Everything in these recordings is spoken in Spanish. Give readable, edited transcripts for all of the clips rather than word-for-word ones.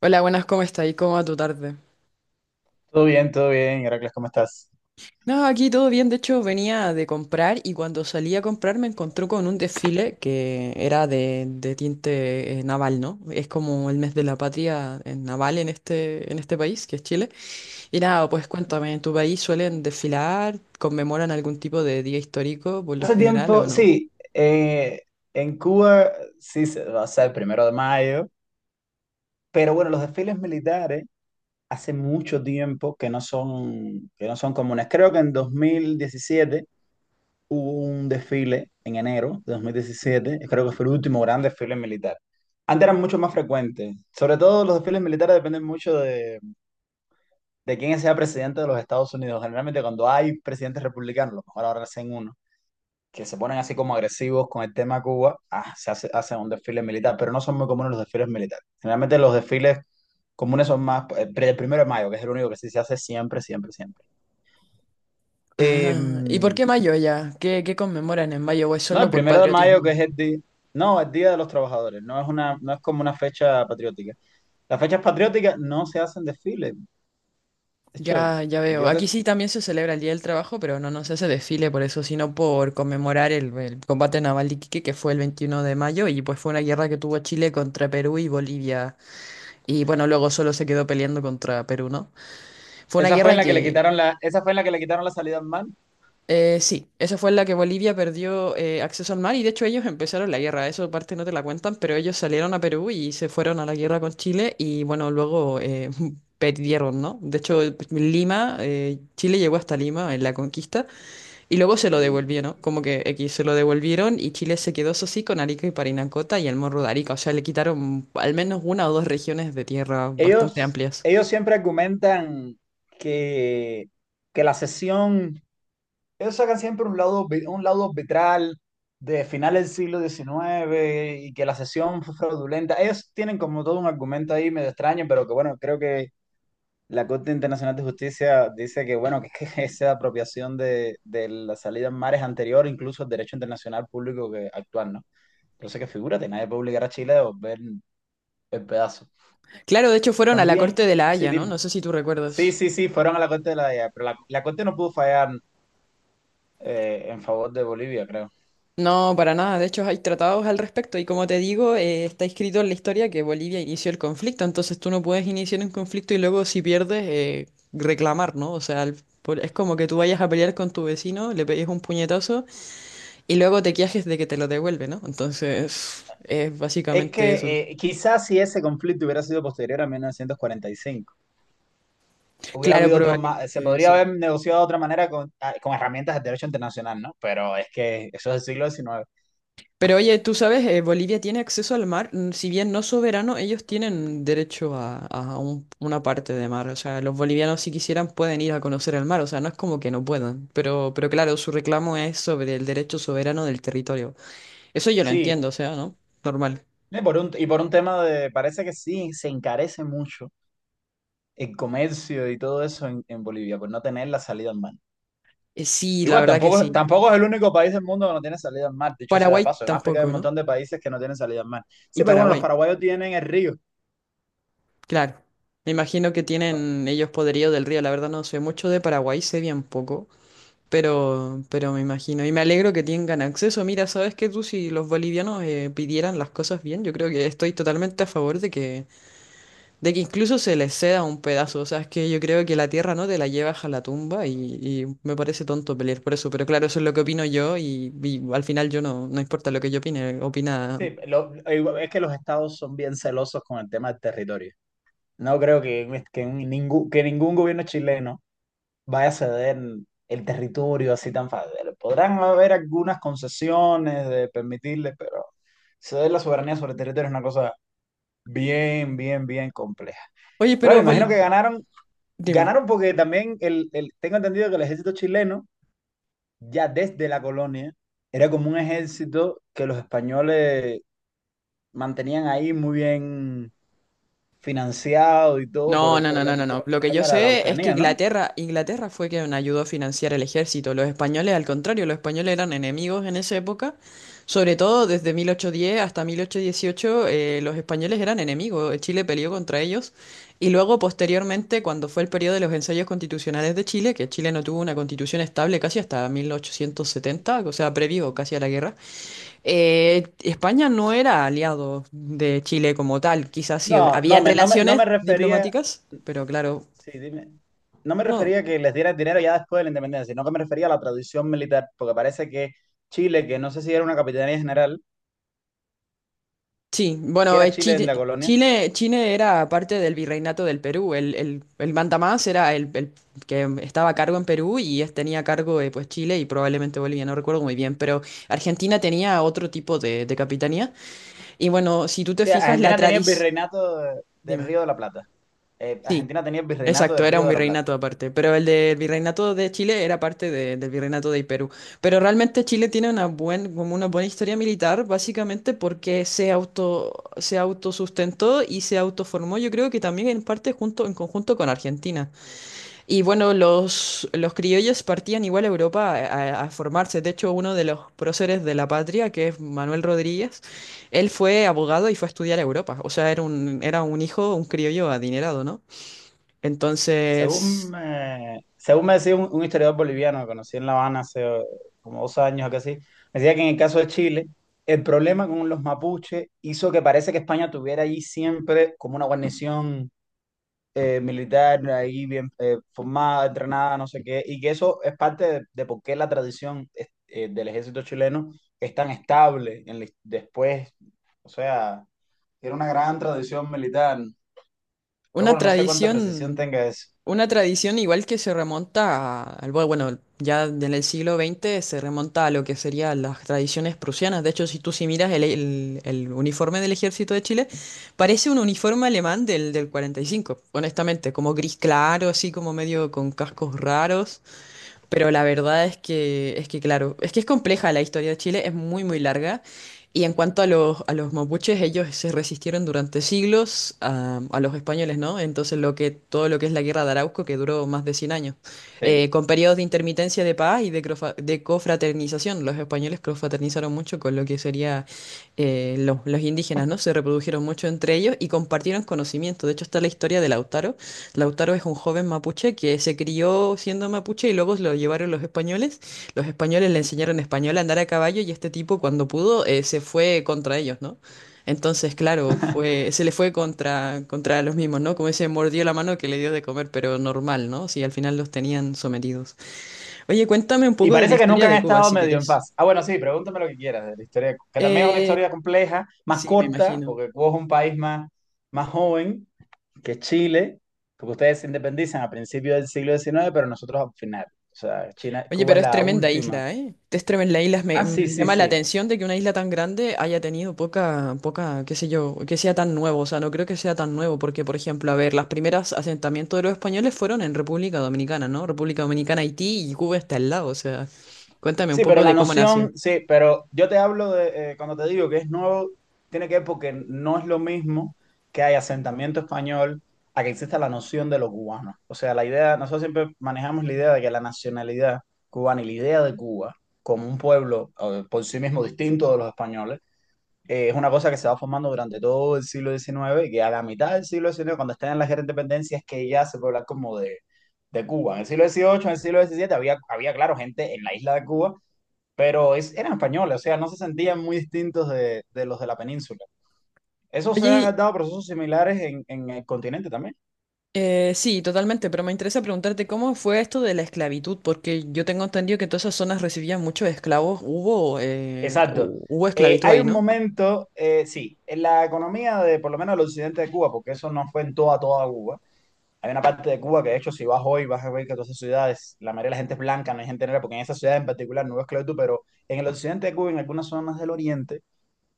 Hola, buenas, ¿cómo está? ¿Y cómo va tu tarde? Todo bien, Heracles, ¿cómo estás? No, aquí todo bien. De hecho, venía de comprar y cuando salí a comprar me encontré con un desfile que era de tinte naval, ¿no? Es como el mes de la patria naval en este país, que es Chile. Y nada, pues cuéntame, ¿en tu país suelen desfilar? ¿Conmemoran algún tipo de día histórico por lo Hace general o tiempo, no? sí, en Cuba sí se va a ser el primero de mayo, pero bueno, los desfiles militares hace mucho tiempo que no son comunes. Creo que en 2017 hubo un desfile en enero de 2017, creo que fue el último gran desfile militar. Antes eran mucho más frecuentes, sobre todo los desfiles militares dependen mucho de quién sea presidente de los Estados Unidos. Generalmente cuando hay presidentes republicanos, a lo mejor ahora hacen uno que se ponen así como agresivos con el tema Cuba, hacen un desfile militar, pero no son muy comunes los desfiles militares. Generalmente los desfiles comunes son más el primero de mayo, que es el único que sí se hace siempre, siempre, siempre. Ah, ¿y por No, qué mayo ya? ¿Qué conmemoran en mayo? ¿O es solo el por primero de mayo, que patriotismo? es el día, no, el Día de los Trabajadores, no es una, no es como una fecha patriótica. Las fechas patrióticas no se hacen desfiles. De hecho, Ya, ya veo. yo Aquí que sí también se celebra el Día del Trabajo, pero no, no se hace desfile por eso, sino por conmemorar el combate naval de Iquique, que fue el 21 de mayo, y pues fue una guerra que tuvo Chile contra Perú y Bolivia. Y bueno, luego solo se quedó peleando contra Perú, ¿no? Fue una esa fue en guerra la que le quitaron esa fue en la que le quitaron la salida al mar. Sí, esa fue en la que Bolivia perdió acceso al mar, y de hecho ellos empezaron la guerra, eso parte no te la cuentan, pero ellos salieron a Perú y se fueron a la guerra con Chile, y bueno, perdieron, ¿no? De hecho, Lima, Chile llegó hasta Lima en la conquista. Y luego se lo Uy. devolvió, ¿no? Como que X se lo devolvieron y Chile se quedó, eso sí, con Arica y Parinacota y el Morro de Arica. O sea, le quitaron al menos una o dos regiones de tierra bastante Ellos, amplias. ellos siempre argumentan que, que la sesión, ellos sacan siempre un lado, un lado arbitral de final del siglo XIX y que la sesión fue fraudulenta. Ellos tienen como todo un argumento ahí medio extraño, pero que bueno, creo que la Corte Internacional de Justicia dice que bueno, que, que esa apropiación de la salida en mares anterior, incluso al derecho internacional público que actual, ¿no? Entonces que figúrate, nadie puede obligar a Chile a volver el pedazo. Claro, de hecho fueron a la corte También, de La sí, Haya, ¿no? No dime. sé si tú Sí, recuerdas. sí, sí, fueron a la Corte de La Haya, pero la Corte no pudo fallar en favor de Bolivia, creo. No, para nada. De hecho, hay tratados al respecto y como te digo, está escrito en la historia que Bolivia inició el conflicto. Entonces tú no puedes iniciar un conflicto y luego si pierdes, reclamar, ¿no? O sea, es como que tú vayas a pelear con tu vecino, le pegues un puñetazo. Y luego te quejas de que te lo devuelve, ¿no? Entonces, es Es básicamente eso. que quizás si ese conflicto hubiera sido posterior a 1945, hubiera Claro, habido otro más, se probablemente podría sí. haber negociado de otra manera con herramientas del derecho internacional, ¿no? Pero es que eso es del siglo XIX. Pero oye, tú sabes, Bolivia tiene acceso al mar, si bien no soberano, ellos tienen derecho a una parte de mar. O sea, los bolivianos si quisieran pueden ir a conocer el mar, o sea, no es como que no puedan. Pero claro, su reclamo es sobre el derecho soberano del territorio. Eso yo lo Sí, entiendo, o sea, ¿no? Normal. y por un tema de, parece que sí, se encarece mucho el comercio y todo eso en Bolivia, por no tener la salida en mar. Sí, Que la igual, verdad que tampoco, sí. tampoco es el único país del mundo que no tiene salida al mar, dicho sea de Paraguay paso. En África hay un tampoco, ¿no? montón de países que no tienen salida al mar. Y Sí, pero bueno, los Paraguay. paraguayos tienen el río. Claro, me imagino que No, tienen ellos poderío del río, la verdad no sé mucho de Paraguay, sé bien poco, pero me imagino, y me alegro que tengan acceso. Mira, sabes que tú si los bolivianos pidieran las cosas bien, yo creo que estoy totalmente a favor de que incluso se les ceda un pedazo, o sea, es que yo creo que la tierra no te la llevas a la tumba y me parece tonto pelear por eso, pero claro, eso es lo que opino yo y al final yo no, no importa lo que yo opine, opina... sí, es que los estados son bien celosos con el tema del territorio. No creo que ningún gobierno chileno vaya a ceder el territorio así tan fácil. Podrán haber algunas concesiones de permitirle, pero ceder la soberanía sobre el territorio es una cosa bien, bien, bien compleja. Oye, Bueno, pero... imagino que ganaron. Dime. Ganaron porque también tengo entendido que el ejército chileno, ya desde la colonia, era como un ejército que los españoles mantenían ahí muy bien financiado y todo por No, no, no, no, no, no. todo Lo el que yo problema de la sé es que Araucanía, ¿no? Inglaterra, Inglaterra fue quien ayudó a financiar el ejército. Los españoles, al contrario, los españoles eran enemigos en esa época. Sobre todo desde 1810 hasta 1818, los españoles eran enemigos. Chile peleó contra ellos. Y luego, posteriormente, cuando fue el periodo de los ensayos constitucionales de Chile, que Chile no tuvo una constitución estable casi hasta 1870, o sea, previo casi a la guerra. España no era aliado de Chile como tal, quizás sí No, no habían me, no me, no me relaciones refería, diplomáticas, pero claro, sí, dime, no me no, refería que les diera el dinero ya después de la independencia, sino que me refería a la tradición militar, porque parece que Chile, que no sé si era una capitanía general, sí, que bueno, era Chile en la Chile, colonia, Chile, Chile era parte del virreinato del Perú, el mandamás era el que estaba a cargo en Perú y tenía a cargo pues Chile y probablemente Bolivia, no recuerdo muy bien, pero Argentina tenía otro tipo de capitanía y bueno, si tú o te sea, fijas, la Argentina tenía el tradición, virreinato del dime, Río de la Plata. Sí. Argentina tenía el virreinato Exacto, del era Río un de la Plata. virreinato aparte, pero el del virreinato de Chile era parte del virreinato de Perú. Pero realmente Chile tiene como una buena historia militar, básicamente porque se autosustentó y se autoformó, yo creo que también en parte junto, en conjunto con Argentina. Y bueno, los criollos partían igual a Europa a formarse. De hecho, uno de los próceres de la patria, que es Manuel Rodríguez, él fue abogado y fue a estudiar a Europa. O sea, era un hijo, un criollo adinerado, ¿no? Según Entonces, me, según me decía un historiador boliviano que conocí en La Habana hace como 2 años o casi, me decía que en el caso de Chile, el problema con los mapuches hizo que parece que España tuviera allí siempre como una guarnición militar ahí bien formada, entrenada, no sé qué, y que eso es parte de por qué la tradición del ejército chileno es tan estable después, o sea, era una gran tradición militar. Pero una bueno, no sé cuánta precisión tradición, tenga eso. una tradición igual que se remonta bueno, ya en el siglo XX se remonta a lo que serían las tradiciones prusianas. De hecho, si miras el uniforme del ejército de Chile, parece un uniforme alemán del 45 honestamente, como gris claro, así como medio con cascos raros. Pero la verdad es que claro, es que es compleja la historia de Chile, es muy, muy larga. Y en cuanto a los mapuches, ellos se resistieron durante siglos a los españoles, ¿no? Entonces todo lo que es la guerra de Arauco, que duró más de 100 años, Sí. con periodos de intermitencia de paz y de cofraternización. Los españoles cofraternizaron mucho con lo que sería los indígenas, ¿no? Se reprodujeron mucho entre ellos y compartieron conocimiento. De hecho, está la historia de Lautaro. Lautaro es un joven mapuche que se crió siendo mapuche y luego lo llevaron los españoles. Los españoles le enseñaron español a andar a caballo y este tipo cuando pudo se fue contra ellos, ¿no? Entonces, claro, se le fue contra los mismos, ¿no? Como ese mordió la mano que le dio de comer, pero normal, ¿no? Si al final los tenían sometidos. Oye, cuéntame un Y poco de la parece que nunca historia han de Cuba, estado si medio en quieres. paz. Ah, bueno, sí, pregúntame lo que quieras de la historia, de Cuba, que también es una Eh, historia compleja, más sí, me corta, imagino. porque Cuba es un país más, más joven que Chile, porque ustedes se independizan a principios del siglo XIX pero nosotros al final. O sea, China, Oye, Cuba pero es es la tremenda última. isla, ¿eh? Es tremenda isla. Me, Ah, sí, me sí, llama la sí. atención de que una isla tan grande haya tenido poca, poca, qué sé yo, que sea tan nuevo. O sea, no creo que sea tan nuevo, porque, por ejemplo, a ver, las primeras asentamientos de los españoles fueron en República Dominicana, ¿no? República Dominicana, Haití y Cuba está al lado. O sea, cuéntame un Sí, pero poco de cómo nació. Sí, pero yo te hablo de, cuando te digo que es nuevo, tiene que ver porque no es lo mismo que hay asentamiento español a que exista la noción de lo cubano. O sea, nosotros siempre manejamos la idea de que la nacionalidad cubana y la idea de Cuba como un pueblo por sí mismo distinto de los españoles, es una cosa que se va formando durante todo el siglo XIX y que a la mitad del siglo XIX, cuando están en la guerra de independencia, es que ya se puede hablar como de Cuba. En el siglo XVIII, en el siglo XVII claro, gente en la isla de Cuba pero eran españoles, o sea, no se sentían muy distintos de los de la península. Eso se Oye, han dado procesos similares en el continente también. Sí, totalmente, pero me interesa preguntarte cómo fue esto de la esclavitud, porque yo tengo entendido que todas esas zonas recibían muchos esclavos. Hubo, eh, Exacto. hu- hubo esclavitud Hay ahí, un ¿no? momento, sí, en la economía de por lo menos el occidente de Cuba, porque eso no fue en toda Cuba. Hay una parte de Cuba que, de hecho, si vas hoy, vas a ver que todas esas ciudades, la mayoría de la gente es blanca, no hay gente negra, porque en esa ciudad en particular no hubo esclavitud, pero en el occidente de Cuba, en algunas zonas del oriente,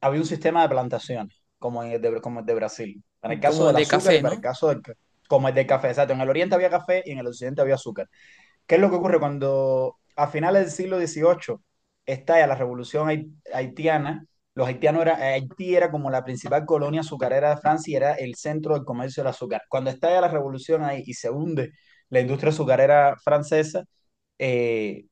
había un sistema de plantaciones, como, en el de, como el de Brasil, para el caso Como del de azúcar y café, para el ¿no? caso como el del café. Exacto, en el oriente había café y en el occidente había azúcar. ¿Qué es lo que ocurre cuando a finales del siglo XVIII estalla la revolución haitiana? Haití era como la principal colonia azucarera de Francia y era el centro del comercio del azúcar. Cuando estalla la revolución ahí y se hunde la industria azucarera francesa, eh,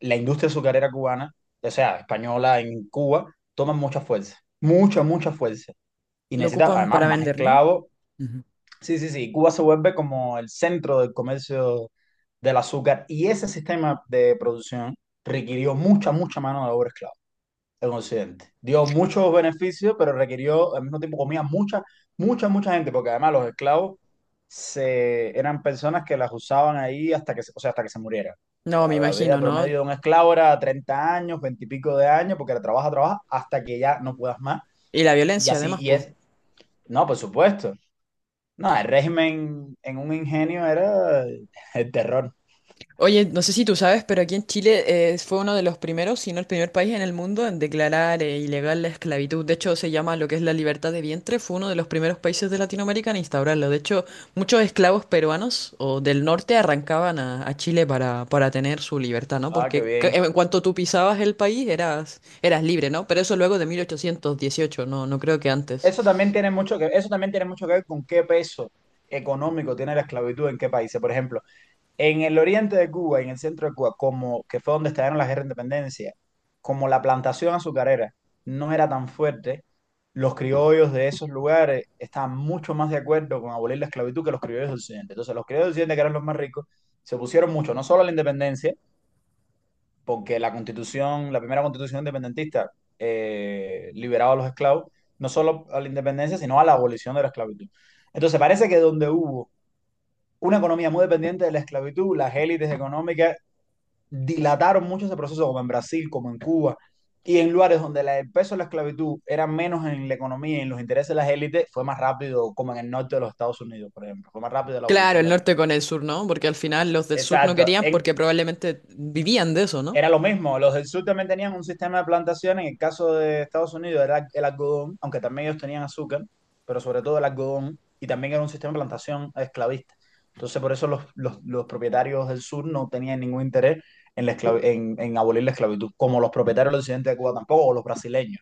la industria azucarera cubana, o sea, española en Cuba, toma mucha fuerza, mucha, mucha fuerza. Y Lo necesita ocupan para además más vender, ¿no? esclavos. Ujú. Sí, sí, sí, Cuba se vuelve como el centro del comercio del azúcar y ese sistema de producción requirió mucha, mucha mano de obra esclava en Occidente. Dio muchos beneficios, pero requirió, al mismo tiempo comía mucha, mucha, mucha gente, porque además los esclavos eran personas que las usaban ahí hasta que, o sea, hasta que se muriera. No, me La imagino, vida ¿no? promedio de un esclavo era 30 años, 20 y pico de años, porque la trabaja, trabaja hasta que ya no puedas más. Y la Y violencia, así, además, y pues. es, no, por supuesto. No, el régimen en un ingenio era el terror. Oye, no sé si tú sabes, pero aquí en Chile fue uno de los primeros, si no el primer país en el mundo en declarar ilegal la esclavitud. De hecho, se llama lo que es la libertad de vientre. Fue uno de los primeros países de Latinoamérica en instaurarlo. De hecho, muchos esclavos peruanos o del norte arrancaban a Chile para tener su libertad, ¿no? Ah, qué Porque bien. en cuanto tú pisabas el país, eras libre, ¿no? Pero eso luego de 1818. No, no creo que antes. Eso también tiene mucho que ver con qué peso económico tiene la esclavitud en qué países. Por ejemplo, en el oriente de Cuba, en el centro de Cuba, como que fue donde estallaron las guerras de independencia, como la plantación azucarera no era tan fuerte, los criollos de esos lugares estaban mucho más de acuerdo con abolir la esclavitud que los criollos del occidente. Entonces, los criollos del occidente, que eran los más ricos, se pusieron mucho, no solo a la independencia, porque la primera constitución independentista liberaba a los esclavos, no solo a la independencia, sino a la abolición de la esclavitud. Entonces parece que donde hubo una economía muy dependiente de la esclavitud, las élites económicas dilataron mucho ese proceso, como en Brasil, como en Cuba, y en lugares donde el peso de la esclavitud era menos en la economía y en los intereses de las élites, fue más rápido, como en el norte de los Estados Unidos, por ejemplo, fue más rápido la Claro, abolición el de la norte esclavitud. con el sur, ¿no? Porque al final los del sur no Exacto. querían porque probablemente vivían de eso, ¿no? Era lo mismo, los del sur también tenían un sistema de plantación, en el caso de Estados Unidos era el algodón, aunque también ellos tenían azúcar, pero sobre todo el algodón, y también era un sistema de plantación esclavista. Entonces por eso los propietarios del sur no tenían ningún interés en abolir la esclavitud, como los propietarios del occidente de Cuba tampoco, o los brasileños.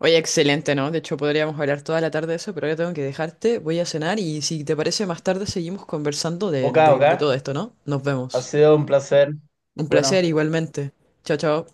Oye, excelente, ¿no? De hecho, podríamos hablar toda la tarde de eso, pero ahora tengo que dejarte, voy a cenar y si te parece, más tarde seguimos conversando de, Ok, ok, de de todo esto, ¿no? Nos ha vemos. sido un placer. Un placer Bueno. igualmente. Chao, chao.